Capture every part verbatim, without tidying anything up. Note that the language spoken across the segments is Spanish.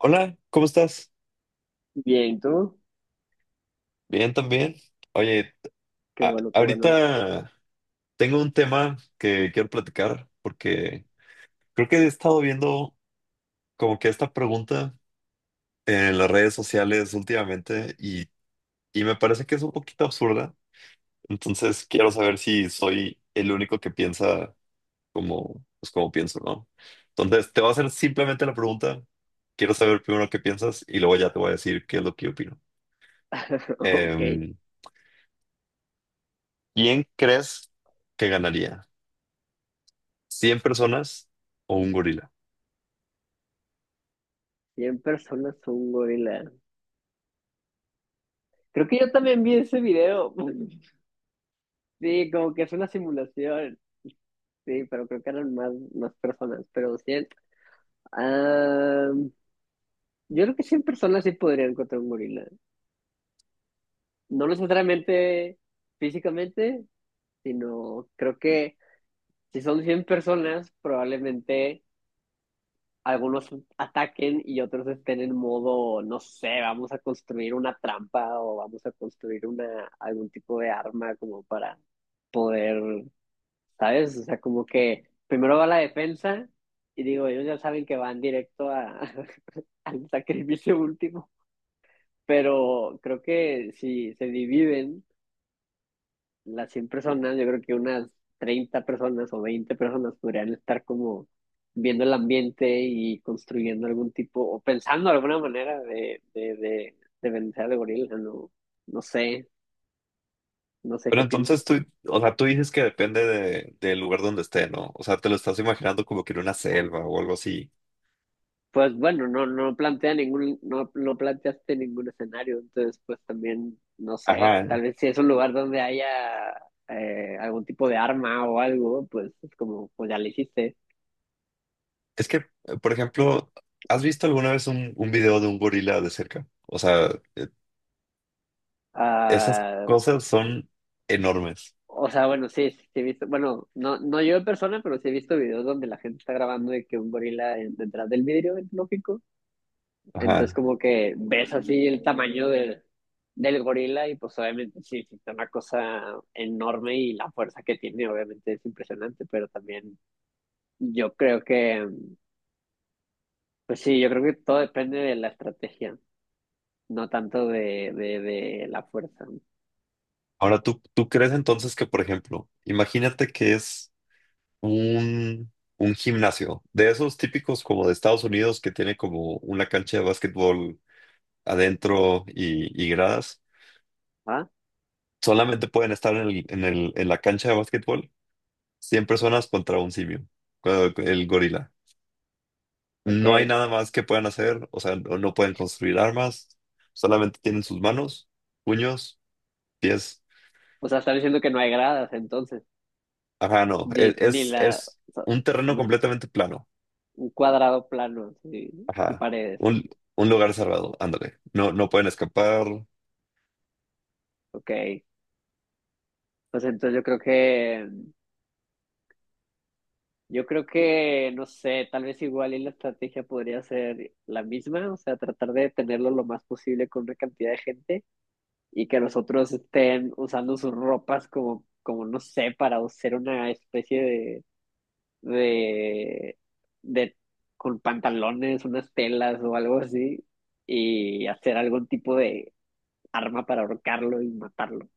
Hola, ¿cómo estás? Bien, ¿tú? Bien, también. Oye, Qué a- bueno, qué bueno. ahorita tengo un tema que quiero platicar porque creo que he estado viendo como que esta pregunta en las redes sociales últimamente y, y me parece que es un poquito absurda. Entonces quiero saber si soy el único que piensa como, pues como pienso, ¿no? Entonces te voy a hacer simplemente la pregunta. Quiero saber primero qué piensas y luego ya te voy a decir qué es lo que opino. Ok, Em, ¿quién crees que ganaría? ¿Cien personas o un gorila? cien personas un gorila. Creo que yo también vi ese video. Sí, como que es una simulación. Sí, pero creo que eran más, más personas, pero cien. Ah, yo creo que cien personas sí podrían encontrar un gorila. No necesariamente físicamente, sino creo que si son cien personas, probablemente algunos ataquen y otros estén en modo, no sé, vamos a construir una trampa o vamos a construir una, algún tipo de arma como para poder, ¿sabes? O sea, como que primero va la defensa y digo, ellos ya saben que van directo a, al sacrificio último, pero creo que si se dividen las cien personas, yo creo que unas treinta personas o veinte personas podrían estar como viendo el ambiente y construyendo algún tipo, o pensando alguna manera de, de, de, de vencer al gorila, no, no sé, no sé Pero qué entonces piensas. tú, o sea, tú dices que depende de, del lugar donde esté, ¿no? O sea, te lo estás imaginando como que en una selva o algo así. Pues bueno, no, no plantea ningún, no, no planteaste ningún escenario, entonces pues también, no sé, Ajá. tal vez si es un lugar donde haya eh, algún tipo de arma o algo, pues es como, pues ya le hiciste. Es que, eh, por ejemplo, ¿has visto alguna vez un, un video de un gorila de cerca? O sea, eh, esas Ah. cosas son enormes. O sea, bueno, sí, sí, sí he visto, bueno, no, no yo en persona, pero sí he visto videos donde la gente está grabando de que un gorila en- detrás del vidrio es lógico. Entonces Ajá. como que ves así el tamaño del, del gorila y pues obviamente sí, sí, es una cosa enorme y la fuerza que tiene obviamente es impresionante, pero también yo creo que, pues sí, yo creo que todo depende de la estrategia, no tanto de, de, de la fuerza. Ahora, ¿tú, tú crees entonces que, por ejemplo, imagínate que es un, un gimnasio de esos típicos como de Estados Unidos que tiene como una cancha de básquetbol adentro y, y gradas, ¿Ah? solamente pueden estar en el- en el- en la cancha de básquetbol cien personas contra un simio, con el gorila. No hay Ok. nada más que puedan hacer, o sea, no, no pueden construir armas, solamente tienen sus manos, puños, pies. O sea, están diciendo que no hay gradas entonces, Ajá, no, ni, e- ni es, la, es o sea, un terreno completamente plano. un cuadrado plano sí, y Ajá, paredes. un, un lugar cerrado, ándale. No, no pueden escapar. Ok. Pues entonces yo creo que, yo creo que, no sé, tal vez igual y la estrategia podría ser la misma, o sea, tratar de tenerlo lo más posible con una cantidad de gente y que los otros estén usando sus ropas como, como no sé, para hacer una especie de, de, de, con pantalones, unas telas o algo así y hacer algún tipo de arma para ahorcarlo y matarlo.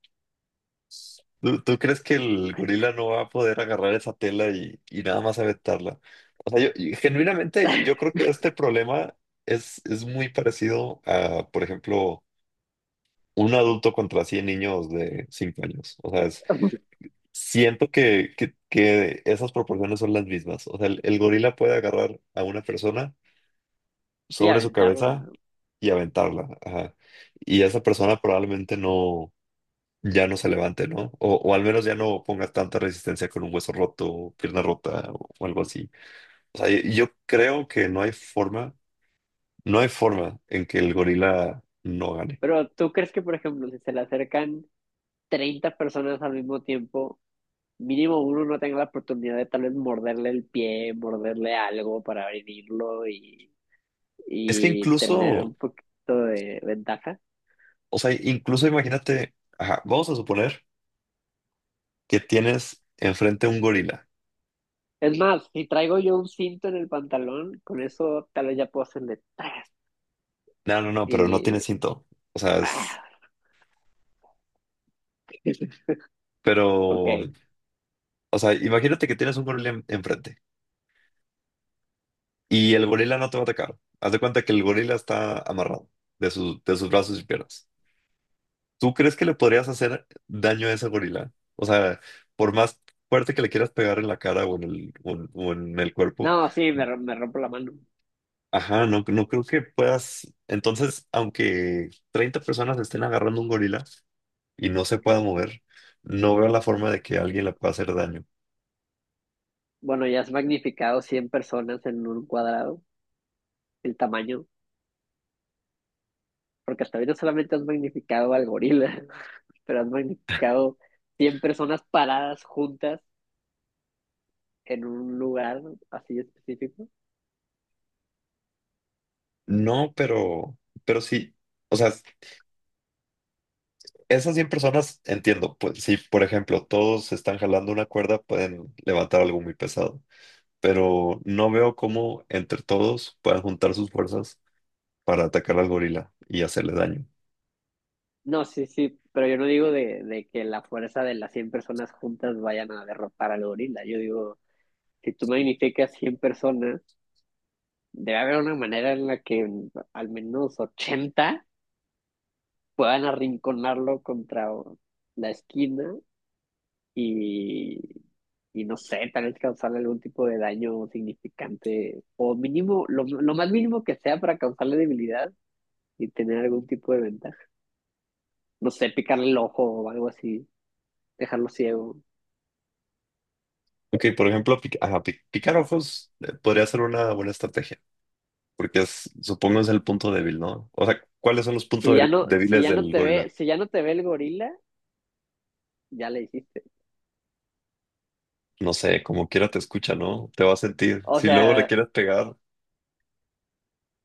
¿Tú, tú crees que el gorila no va a poder agarrar esa tela y, y nada más aventarla? O sea, yo, y genuinamente, yo creo que este problema es, es muy parecido a, por ejemplo, un adulto contra cien niños de cinco años. O sea, es- siento que, que, que esas proporciones son las mismas. O sea, el, el gorila puede agarrar a una persona Sí, sobre su aventarla. cabeza y aventarla. Ajá. Y esa persona probablemente no ya no se levante, ¿no? O, o al menos ya no ponga tanta resistencia con un hueso roto, pierna rota o, o algo así. O sea, yo, yo creo que no hay forma, no hay forma en que el gorila no gane. Pero ¿tú crees que, por ejemplo, si se le acercan treinta personas al mismo tiempo, mínimo uno no tenga la oportunidad de tal vez morderle el pie, morderle algo para abrirlo y, Es que y tener incluso, un poquito de ventaja? o sea, incluso imagínate, ajá, vamos a suponer que tienes enfrente un gorila. Es más, si traigo yo un cinto en el pantalón, con eso tal vez ya puedo hacerle tras No, no, no, pero no tiene y... cinto. O sea, es, ¡Ah! Ok. pero, o sea, imagínate que tienes un gorila en- enfrente y el gorila no te va a atacar. Haz de cuenta que el gorila está amarrado de sus, de sus brazos y piernas. ¿Tú crees que le podrías hacer daño a ese gorila? O sea, por más fuerte que le quieras pegar en la cara o en el, o en, o en el No, cuerpo, sí, me, rom- me rompo la mano. ajá, no, no creo que puedas. Entonces, aunque treinta personas estén agarrando un gorila y no se pueda mover, no veo la forma de que alguien le pueda hacer daño. Bueno, ya has magnificado cien personas en un cuadrado, el tamaño. Porque hasta ahorita solamente has magnificado al gorila, pero has magnificado cien personas paradas juntas en un lugar así específico. No, pero, pero sí, o sea, esas cien personas entiendo, pues si por ejemplo todos están jalando una cuerda, pueden levantar algo muy pesado, pero no veo cómo entre todos puedan juntar sus fuerzas para atacar al gorila y hacerle daño. No, sí, sí, pero yo no digo de, de que la fuerza de las cien personas juntas vayan a derrotar al gorila. Yo digo, si tú magnificas cien personas, debe haber una manera en la que al menos ochenta puedan arrinconarlo contra la esquina y, y no sé, tal vez causarle algún tipo de daño significante o mínimo, lo, lo más mínimo que sea para causarle debilidad y tener algún tipo de ventaja. No sé, picarle el ojo o algo así, dejarlo ciego. Ok, por ejemplo, pic- ajá, pic- picar ojos eh, podría ser una buena estrategia, porque es- supongo es el punto débil, ¿no? O sea, ¿cuáles son los puntos Si ya de- no, si débiles ya no del te ve, gorila? si ya no te ve el gorila, ya le hiciste. No sé, como quiera te escucha, ¿no? Te va a sentir. O Si luego le sea, quieres pegar,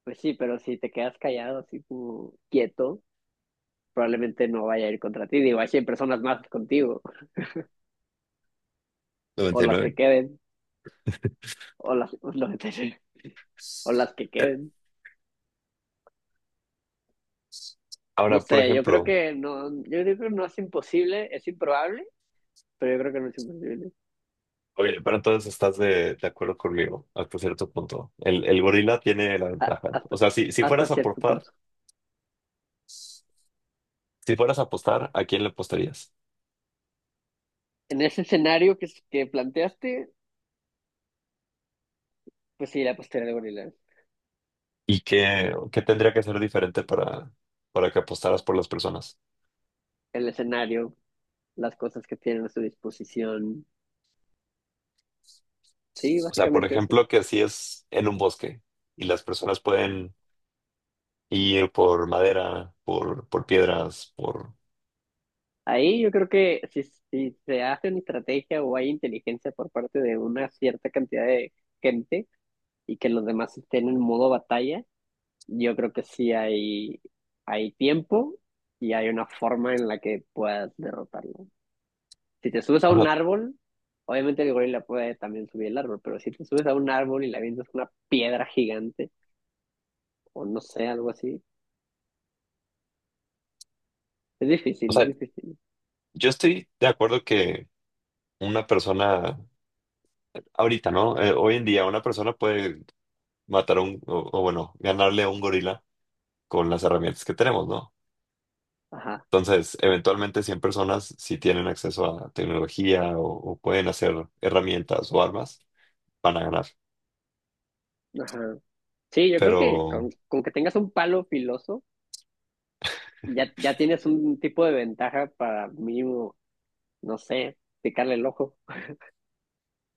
pues sí, pero si te quedas callado así como quieto, probablemente no vaya a ir contra ti. Digo, hay cien personas más contigo, o las noventa y nueve. que queden, o las o las que Eh, queden. No Ahora, por sé, yo creo ejemplo, que no, yo creo que no es imposible, es improbable, pero yo creo que no es imposible. oye, pero entonces estás de, de acuerdo conmigo hasta cierto punto. El, el gorila tiene la A- ventaja. O hasta, sea, si, si hasta fueras a por cierto par, punto. si fueras a apostar, ¿a quién le apostarías? En ese escenario que, que planteaste, pues sí, la postura de gorila. ¿Y qué, qué tendría que ser diferente para, para que apostaras por las personas? El escenario, las cosas que tienen a su disposición. Sí, O sea, por básicamente eso. ejemplo, que si es en un bosque y las personas pueden ir por madera, por, por piedras, por... Ahí yo creo que si, si se hace una estrategia o hay inteligencia por parte de una cierta cantidad de gente y que los demás estén en modo batalla, yo creo que sí hay, hay tiempo y hay una forma en la que puedas derrotarlo. Si te subes a O un sea, árbol, obviamente el gorila puede también subir el árbol, pero si te subes a un árbol y le avientas una piedra gigante o no sé, algo así, es o difícil, es sea, difícil. yo estoy de acuerdo que una persona, ahorita, ¿no? Eh, hoy en día una persona puede matar a un, o, o bueno, ganarle a un gorila con las herramientas que tenemos, ¿no? Ajá, Entonces, eventualmente cien personas, si tienen acceso a tecnología o, o pueden hacer herramientas o armas, van a ganar. ajá. Sí, yo creo Pero que con, con que tengas un palo filoso, ya, ya tienes un tipo de ventaja para mínimo, no sé, picarle el ojo.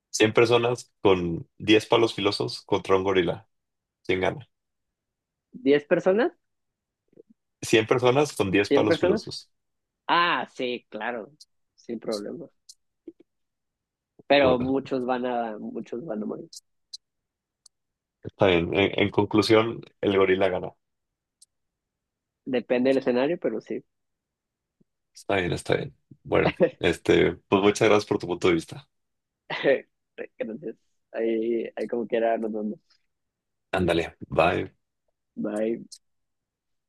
cien personas con diez palos filosos contra un gorila, ¿quién gana? ¿Diez personas? Cien personas con diez ¿Cien palos personas? filosos. Ah, sí, claro, sin problema. Pero Bueno, muchos van a, muchos van a morir. está bien. En, en conclusión, el gorila gana. Depende del escenario, pero sí. Está bien, está bien. Bueno, este, pues muchas gracias por tu punto de vista. Entonces, ahí, ahí como quiera nos vemos. Ándale, bye. Bye.